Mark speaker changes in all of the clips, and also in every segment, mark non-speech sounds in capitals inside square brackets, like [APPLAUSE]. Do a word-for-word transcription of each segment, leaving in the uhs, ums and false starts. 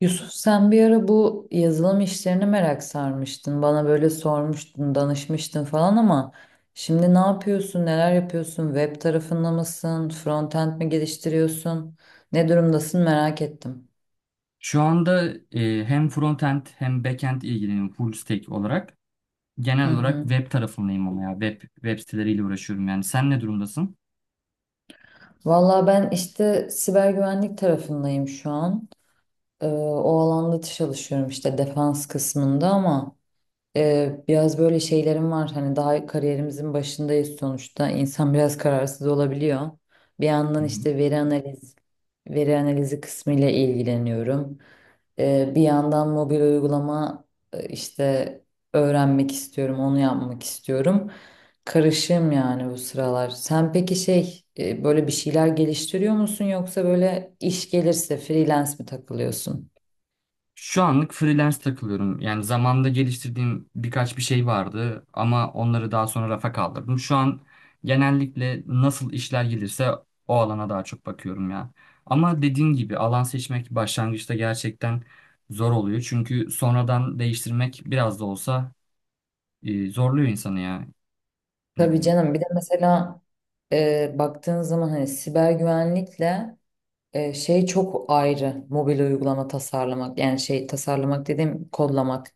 Speaker 1: Yusuf sen bir ara bu yazılım işlerine merak sarmıştın. Bana böyle sormuştun, danışmıştın falan ama şimdi ne yapıyorsun, neler yapıyorsun? Web tarafında mısın? Frontend mi geliştiriyorsun? Ne durumdasın merak ettim.
Speaker 2: Şu anda e, hem frontend hem backend ilgileniyorum full stack olarak.
Speaker 1: Hı
Speaker 2: Genel olarak
Speaker 1: hı.
Speaker 2: web tarafındayım ama ya web web siteleriyle uğraşıyorum yani. Sen ne durumdasın?
Speaker 1: Valla ben işte siber güvenlik tarafındayım şu an. Ee, o alanda çalışıyorum işte defans kısmında ama Ee, biraz böyle şeylerim var. Hani daha kariyerimizin başındayız sonuçta. İnsan biraz kararsız olabiliyor. Bir yandan
Speaker 2: Hı hı.
Speaker 1: işte veri analiz, veri analizi kısmı ile ilgileniyorum. Ee, bir yandan mobil uygulama e, işte öğrenmek istiyorum, onu yapmak istiyorum. Karışığım yani bu sıralar. Sen peki şey e, böyle bir şeyler geliştiriyor musun yoksa böyle iş gelirse freelance mi takılıyorsun?
Speaker 2: Şu anlık freelance takılıyorum. Yani zamanda geliştirdiğim birkaç bir şey vardı ama onları daha sonra rafa kaldırdım. Şu an genellikle nasıl işler gelirse o alana daha çok bakıyorum ya. Ama dediğin gibi alan seçmek başlangıçta gerçekten zor oluyor. Çünkü sonradan değiştirmek biraz da olsa e, zorluyor insanı ya. Ne
Speaker 1: Tabii
Speaker 2: bileyim.
Speaker 1: canım bir de mesela e, baktığın zaman hani siber güvenlikle e, şey çok ayrı mobil uygulama tasarlamak, yani şey tasarlamak dediğim kodlamak.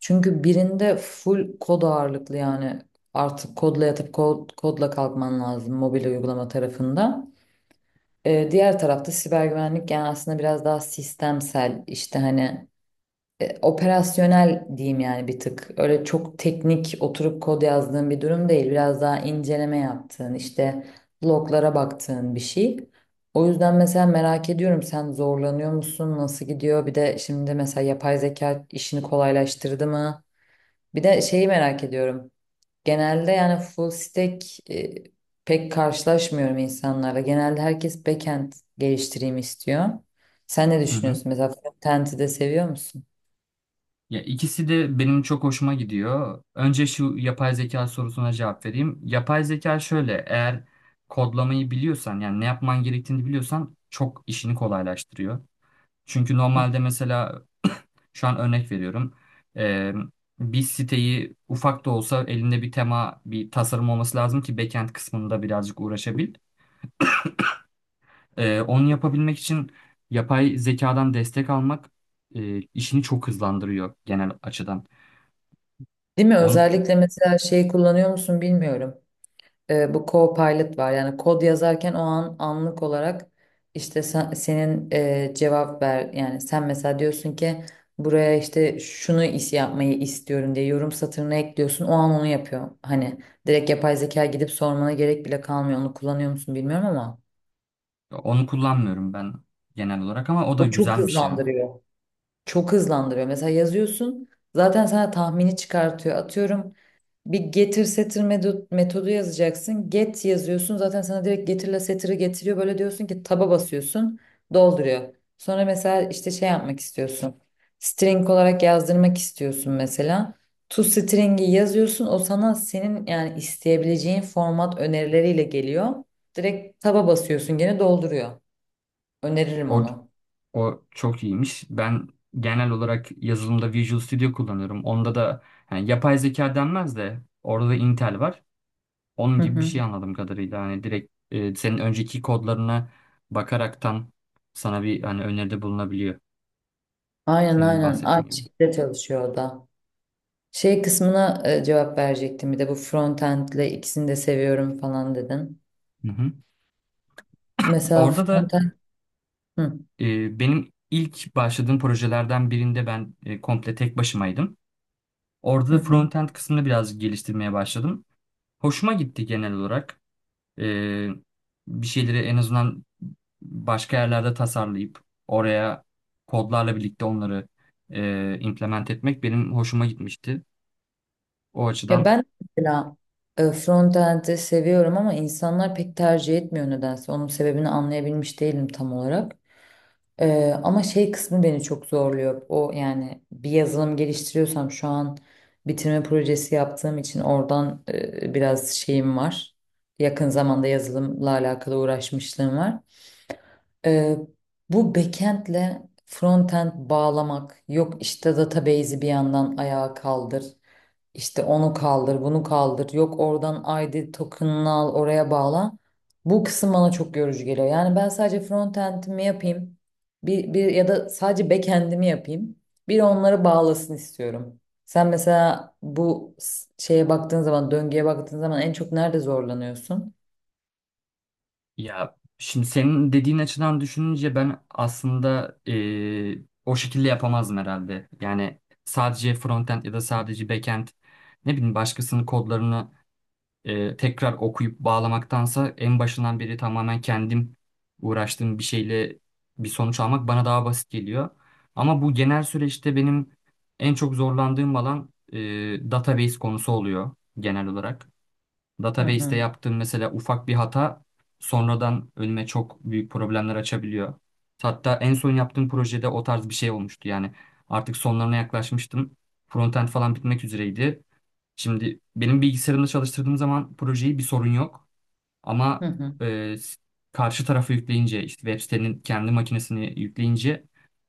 Speaker 1: Çünkü birinde full kod ağırlıklı, yani artık kodla yatıp kod, kodla kalkman lazım mobil uygulama tarafında. E, diğer tarafta siber güvenlik yani aslında biraz daha sistemsel, işte hani e, operasyonel diyeyim yani bir tık. Öyle çok teknik oturup kod yazdığın bir durum değil. Biraz daha inceleme yaptığın, işte loglara baktığın bir şey. O yüzden mesela merak ediyorum, sen zorlanıyor musun? Nasıl gidiyor? Bir de şimdi mesela yapay zeka işini kolaylaştırdı mı? Bir de şeyi merak ediyorum. Genelde yani full stack e, pek karşılaşmıyorum insanlarla. Genelde herkes backend geliştireyim istiyor. Sen ne
Speaker 2: Hı hı.
Speaker 1: düşünüyorsun? Mesela frontend'i de seviyor musun?
Speaker 2: Ya ikisi de benim çok hoşuma gidiyor. Önce şu yapay zeka sorusuna cevap vereyim. Yapay zeka şöyle, eğer kodlamayı biliyorsan yani ne yapman gerektiğini biliyorsan çok işini kolaylaştırıyor. Çünkü normalde mesela şu an örnek veriyorum. Ee, Bir siteyi ufak da olsa elinde bir tema, bir tasarım olması lazım ki backend kısmında birazcık uğraşabil. Ee, onu yapabilmek için yapay zekadan destek almak e, işini çok hızlandırıyor genel açıdan.
Speaker 1: Değil mi?
Speaker 2: Onu,
Speaker 1: Özellikle mesela şeyi kullanıyor musun bilmiyorum. Ee, bu Copilot var. Yani kod yazarken o an anlık olarak işte sen- senin e, cevap ver. Yani sen mesela diyorsun ki buraya işte şunu is yapmayı istiyorum diye yorum satırına ekliyorsun. O an onu yapıyor. Hani direkt yapay zeka gidip sormana gerek bile kalmıyor. Onu kullanıyor musun bilmiyorum ama
Speaker 2: onu kullanmıyorum ben genel olarak ama o da
Speaker 1: o çok
Speaker 2: güzelmiş ya.
Speaker 1: hızlandırıyor. Çok hızlandırıyor. Mesela yazıyorsun, zaten sana tahmini çıkartıyor. Atıyorum bir getir setir medo- metodu yazacaksın. Get yazıyorsun, zaten sana direkt getirle setiri getiriyor. Böyle diyorsun ki taba basıyorsun, dolduruyor. Sonra mesela işte şey yapmak istiyorsun. String olarak yazdırmak istiyorsun mesela. To string'i yazıyorsun, o sana senin yani isteyebileceğin format önerileriyle geliyor. Direkt taba basıyorsun, gene dolduruyor. Öneririm
Speaker 2: O,
Speaker 1: onu.
Speaker 2: o çok iyiymiş. Ben genel olarak yazılımda Visual Studio kullanıyorum. Onda da yani yapay zeka denmez de orada da Intel var. Onun
Speaker 1: Hı
Speaker 2: gibi bir
Speaker 1: hı.
Speaker 2: şey anladığım kadarıyla. Hani direkt e, senin önceki kodlarına bakaraktan sana bir hani öneride bulunabiliyor.
Speaker 1: Aynen
Speaker 2: Senin
Speaker 1: aynen. Aynı
Speaker 2: bahsettiğin gibi.
Speaker 1: şekilde çalışıyor o da. Şey kısmına e, cevap verecektim bir de, bu frontend'le ikisini de seviyorum falan dedin.
Speaker 2: Hı hı.
Speaker 1: Mesela
Speaker 2: Orada da
Speaker 1: frontend hı,
Speaker 2: e, benim ilk başladığım projelerden birinde ben e, komple tek başımaydım. Orada
Speaker 1: hı,
Speaker 2: da
Speaker 1: hı.
Speaker 2: frontend kısmını biraz geliştirmeye başladım. Hoşuma gitti genel olarak. Ee, Bir şeyleri en azından başka yerlerde tasarlayıp oraya kodlarla birlikte onları e, implement etmek benim hoşuma gitmişti. O
Speaker 1: Ya
Speaker 2: açıdan
Speaker 1: ben mesela e, frontend'i seviyorum ama insanlar pek tercih etmiyor nedense. Onun sebebini anlayabilmiş değilim tam olarak. Ee, ama şey kısmı beni çok zorluyor. O yani bir yazılım geliştiriyorsam şu an bitirme projesi yaptığım için oradan e, biraz şeyim var. Yakın zamanda yazılımla alakalı uğraşmışlığım var. Ee, Bu backend'le frontend bağlamak, yok işte database'i bir yandan ayağa kaldır. İşte onu kaldır, bunu kaldır. Yok oradan I D token'ını al, oraya bağla. Bu kısım bana çok yorucu geliyor. Yani ben sadece frontend'imi yapayım. Bir, bir ya da sadece backend'imi yapayım. Bir onları bağlasın istiyorum. Sen mesela bu s- şeye baktığın zaman, döngüye baktığın zaman en çok nerede zorlanıyorsun?
Speaker 2: ya şimdi senin dediğin açıdan düşününce ben aslında e, o şekilde yapamazdım herhalde. Yani sadece frontend ya da sadece backend, ne bileyim, başkasının kodlarını e, tekrar okuyup bağlamaktansa en başından beri tamamen kendim uğraştığım bir şeyle bir sonuç almak bana daha basit geliyor. Ama bu genel süreçte benim en çok zorlandığım alan e, database konusu oluyor genel olarak.
Speaker 1: Hı
Speaker 2: Database'te
Speaker 1: hı.
Speaker 2: yaptığım mesela ufak bir hata sonradan önüme çok büyük problemler açabiliyor. Hatta en son yaptığım projede o tarz bir şey olmuştu. Yani artık sonlarına yaklaşmıştım. Frontend falan bitmek üzereydi. Şimdi benim bilgisayarımda çalıştırdığım zaman projeyi bir sorun yok.
Speaker 1: Hı
Speaker 2: Ama
Speaker 1: hı.
Speaker 2: e, s- karşı tarafı yükleyince işte web sitenin kendi makinesini yükleyince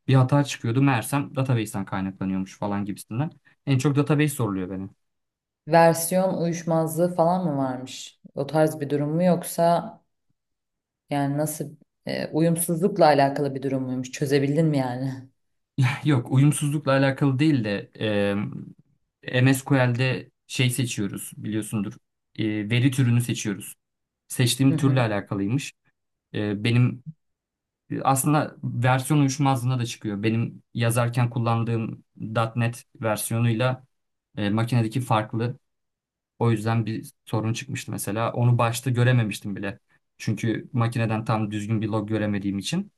Speaker 2: bir hata çıkıyordu. Meğersem database'ten kaynaklanıyormuş falan gibisinden. En çok database soruluyor benim.
Speaker 1: Versiyon uyuşmazlığı falan mı varmış? O tarz bir durum mu, yoksa yani nasıl, e, uyumsuzlukla alakalı bir durum muymuş? Çözebildin mi yani?
Speaker 2: [LAUGHS] Yok, uyumsuzlukla alakalı değil de e, M S Q L'de şey seçiyoruz biliyorsundur. E, veri türünü seçiyoruz. Seçtiğim türle
Speaker 1: [LAUGHS]
Speaker 2: alakalıymış. E, benim e, aslında versiyon uyuşmazlığına da çıkıyor. Benim yazarken kullandığım .nokta .nokta net versiyonuyla e, makinedeki farklı. O yüzden bir sorun çıkmıştı mesela. Onu başta görememiştim bile. Çünkü makineden tam düzgün bir log göremediğim için.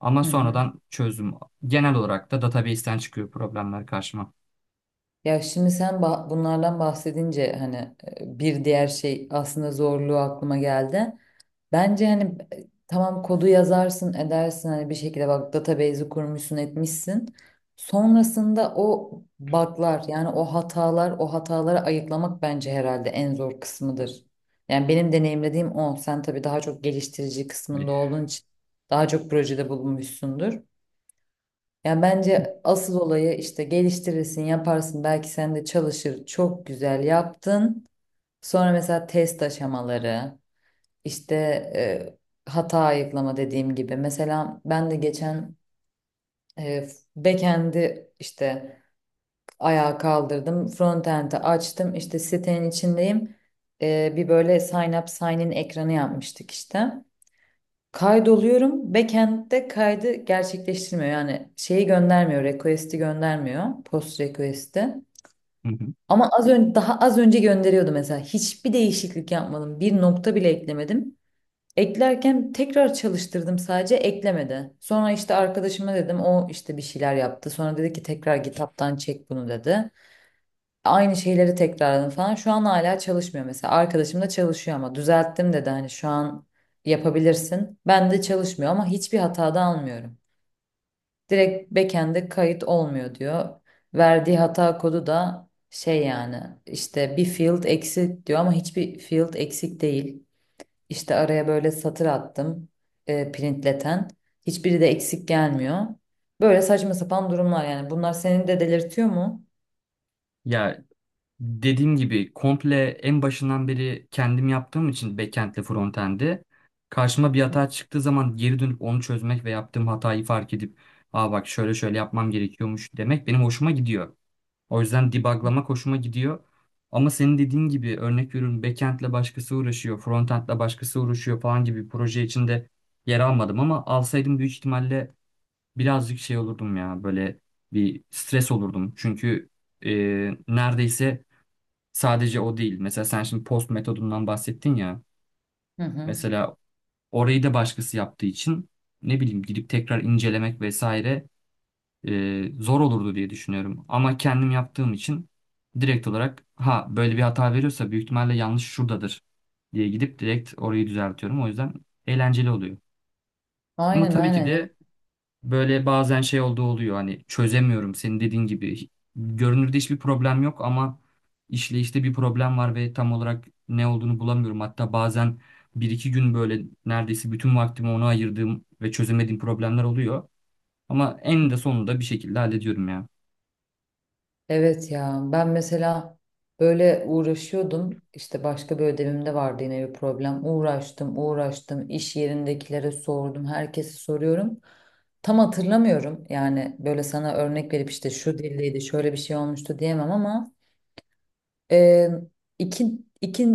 Speaker 2: Ama
Speaker 1: Hı hı.
Speaker 2: sonradan çözdüm. Genel olarak da database'ten çıkıyor problemler karşıma.
Speaker 1: Ya şimdi sen bah- bunlardan bahsedince hani e, bir diğer şey aslında zorluğu aklıma geldi. Bence hani e, tamam kodu yazarsın edersin hani bir şekilde, bak database'i kurmuşsun etmişsin. Sonrasında o bug'lar yani o hatalar, o hataları ayıklamak bence herhalde en zor kısmıdır. Yani benim deneyimlediğim o. Sen tabii daha çok geliştirici
Speaker 2: Bir.
Speaker 1: kısmında olduğun için daha çok projede bulunmuşsundur. Ya bence asıl olayı, işte geliştirirsin, yaparsın. Belki sen de çalışır. Çok güzel yaptın. Sonra mesela test aşamaları, işte e, hata ayıklama, dediğim gibi. Mesela ben de geçen e, backend'i işte ayağa kaldırdım. Frontend'i açtım. İşte sitenin içindeyim. E, bir böyle sign up, sign in ekranı yapmıştık işte. Kaydoluyorum. Backend'de kaydı gerçekleştirmiyor. Yani şeyi göndermiyor. Request'i göndermiyor. Post request'i.
Speaker 2: Hı hı.
Speaker 1: Ama az önce, daha az önce gönderiyordu mesela. Hiçbir değişiklik yapmadım. Bir nokta bile eklemedim. Eklerken tekrar çalıştırdım, sadece eklemedi. Sonra işte arkadaşıma dedim, o işte bir şeyler yaptı. Sonra dedi ki tekrar GitHub'tan çek bunu dedi. Aynı şeyleri tekrarladım falan. Şu an hala çalışmıyor mesela. Arkadaşım da çalışıyor ama düzelttim dedi, hani şu an yapabilirsin. Ben de çalışmıyor ama hiçbir hata da almıyorum. Direkt backend'e kayıt olmuyor diyor. Verdiği hata kodu da şey, yani işte bir field eksik diyor ama hiçbir field eksik değil. İşte araya böyle satır attım e, printleten. Hiçbiri de eksik gelmiyor. Böyle saçma sapan durumlar yani. Bunlar seni de delirtiyor mu?
Speaker 2: Ya dediğim gibi komple en başından beri kendim yaptığım için backendle frontend'i, karşıma bir
Speaker 1: Hı
Speaker 2: hata çıktığı zaman geri dönüp onu çözmek ve yaptığım hatayı fark edip aa bak şöyle şöyle yapmam gerekiyormuş demek benim hoşuma gidiyor. O yüzden debuglamak hoşuma gidiyor. Ama senin dediğin gibi örnek veriyorum, backend'le başkası uğraşıyor, frontend'le başkası uğraşıyor falan gibi bir proje içinde yer almadım ama alsaydım büyük ihtimalle birazcık şey olurdum ya, böyle bir stres olurdum. Çünkü e, neredeyse sadece o değil. Mesela sen şimdi post metodundan bahsettin ya.
Speaker 1: hı. hı.
Speaker 2: Mesela orayı da başkası yaptığı için ne bileyim gidip tekrar incelemek vesaire e, zor olurdu diye düşünüyorum. Ama kendim yaptığım için direkt olarak ha böyle bir hata veriyorsa büyük ihtimalle yanlış şuradadır diye gidip direkt orayı düzeltiyorum. O yüzden eğlenceli oluyor. Ama
Speaker 1: Aynen
Speaker 2: tabii ki
Speaker 1: aynen.
Speaker 2: de böyle bazen şey olduğu oluyor hani, çözemiyorum senin dediğin gibi. Görünürde hiçbir problem yok ama işleyişte bir problem var ve tam olarak ne olduğunu bulamıyorum. Hatta bazen bir iki gün böyle neredeyse bütün vaktimi ona ayırdığım ve çözemediğim problemler oluyor. Ama en de sonunda bir şekilde hallediyorum ya.
Speaker 1: Evet ya, ben mesela böyle uğraşıyordum, işte başka bir ödevimde vardı yine bir problem, uğraştım uğraştım, iş yerindekilere sordum, herkese soruyorum, tam hatırlamıyorum yani böyle sana örnek verip işte şu dildeydi şöyle bir şey olmuştu diyemem ama e, iki, iki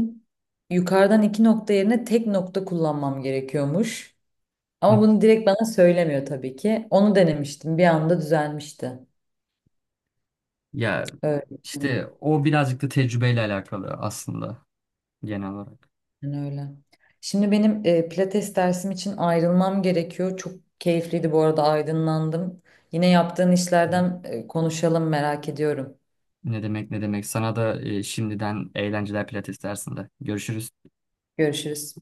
Speaker 1: yukarıdan iki nokta yerine tek nokta kullanmam gerekiyormuş, ama
Speaker 2: Hı.
Speaker 1: bunu direkt bana söylemiyor tabii ki. Onu denemiştim, bir anda düzelmişti.
Speaker 2: Ya
Speaker 1: Öyle.
Speaker 2: işte o birazcık da tecrübeyle alakalı aslında genel olarak.
Speaker 1: Yani öyle. Şimdi benim e, pilates dersim için ayrılmam gerekiyor. Çok keyifliydi bu arada, aydınlandım. Yine yaptığın işlerden e, konuşalım, merak ediyorum.
Speaker 2: Ne demek, ne demek. Sana da e, şimdiden eğlenceler pilates dersinde. Görüşürüz.
Speaker 1: Görüşürüz.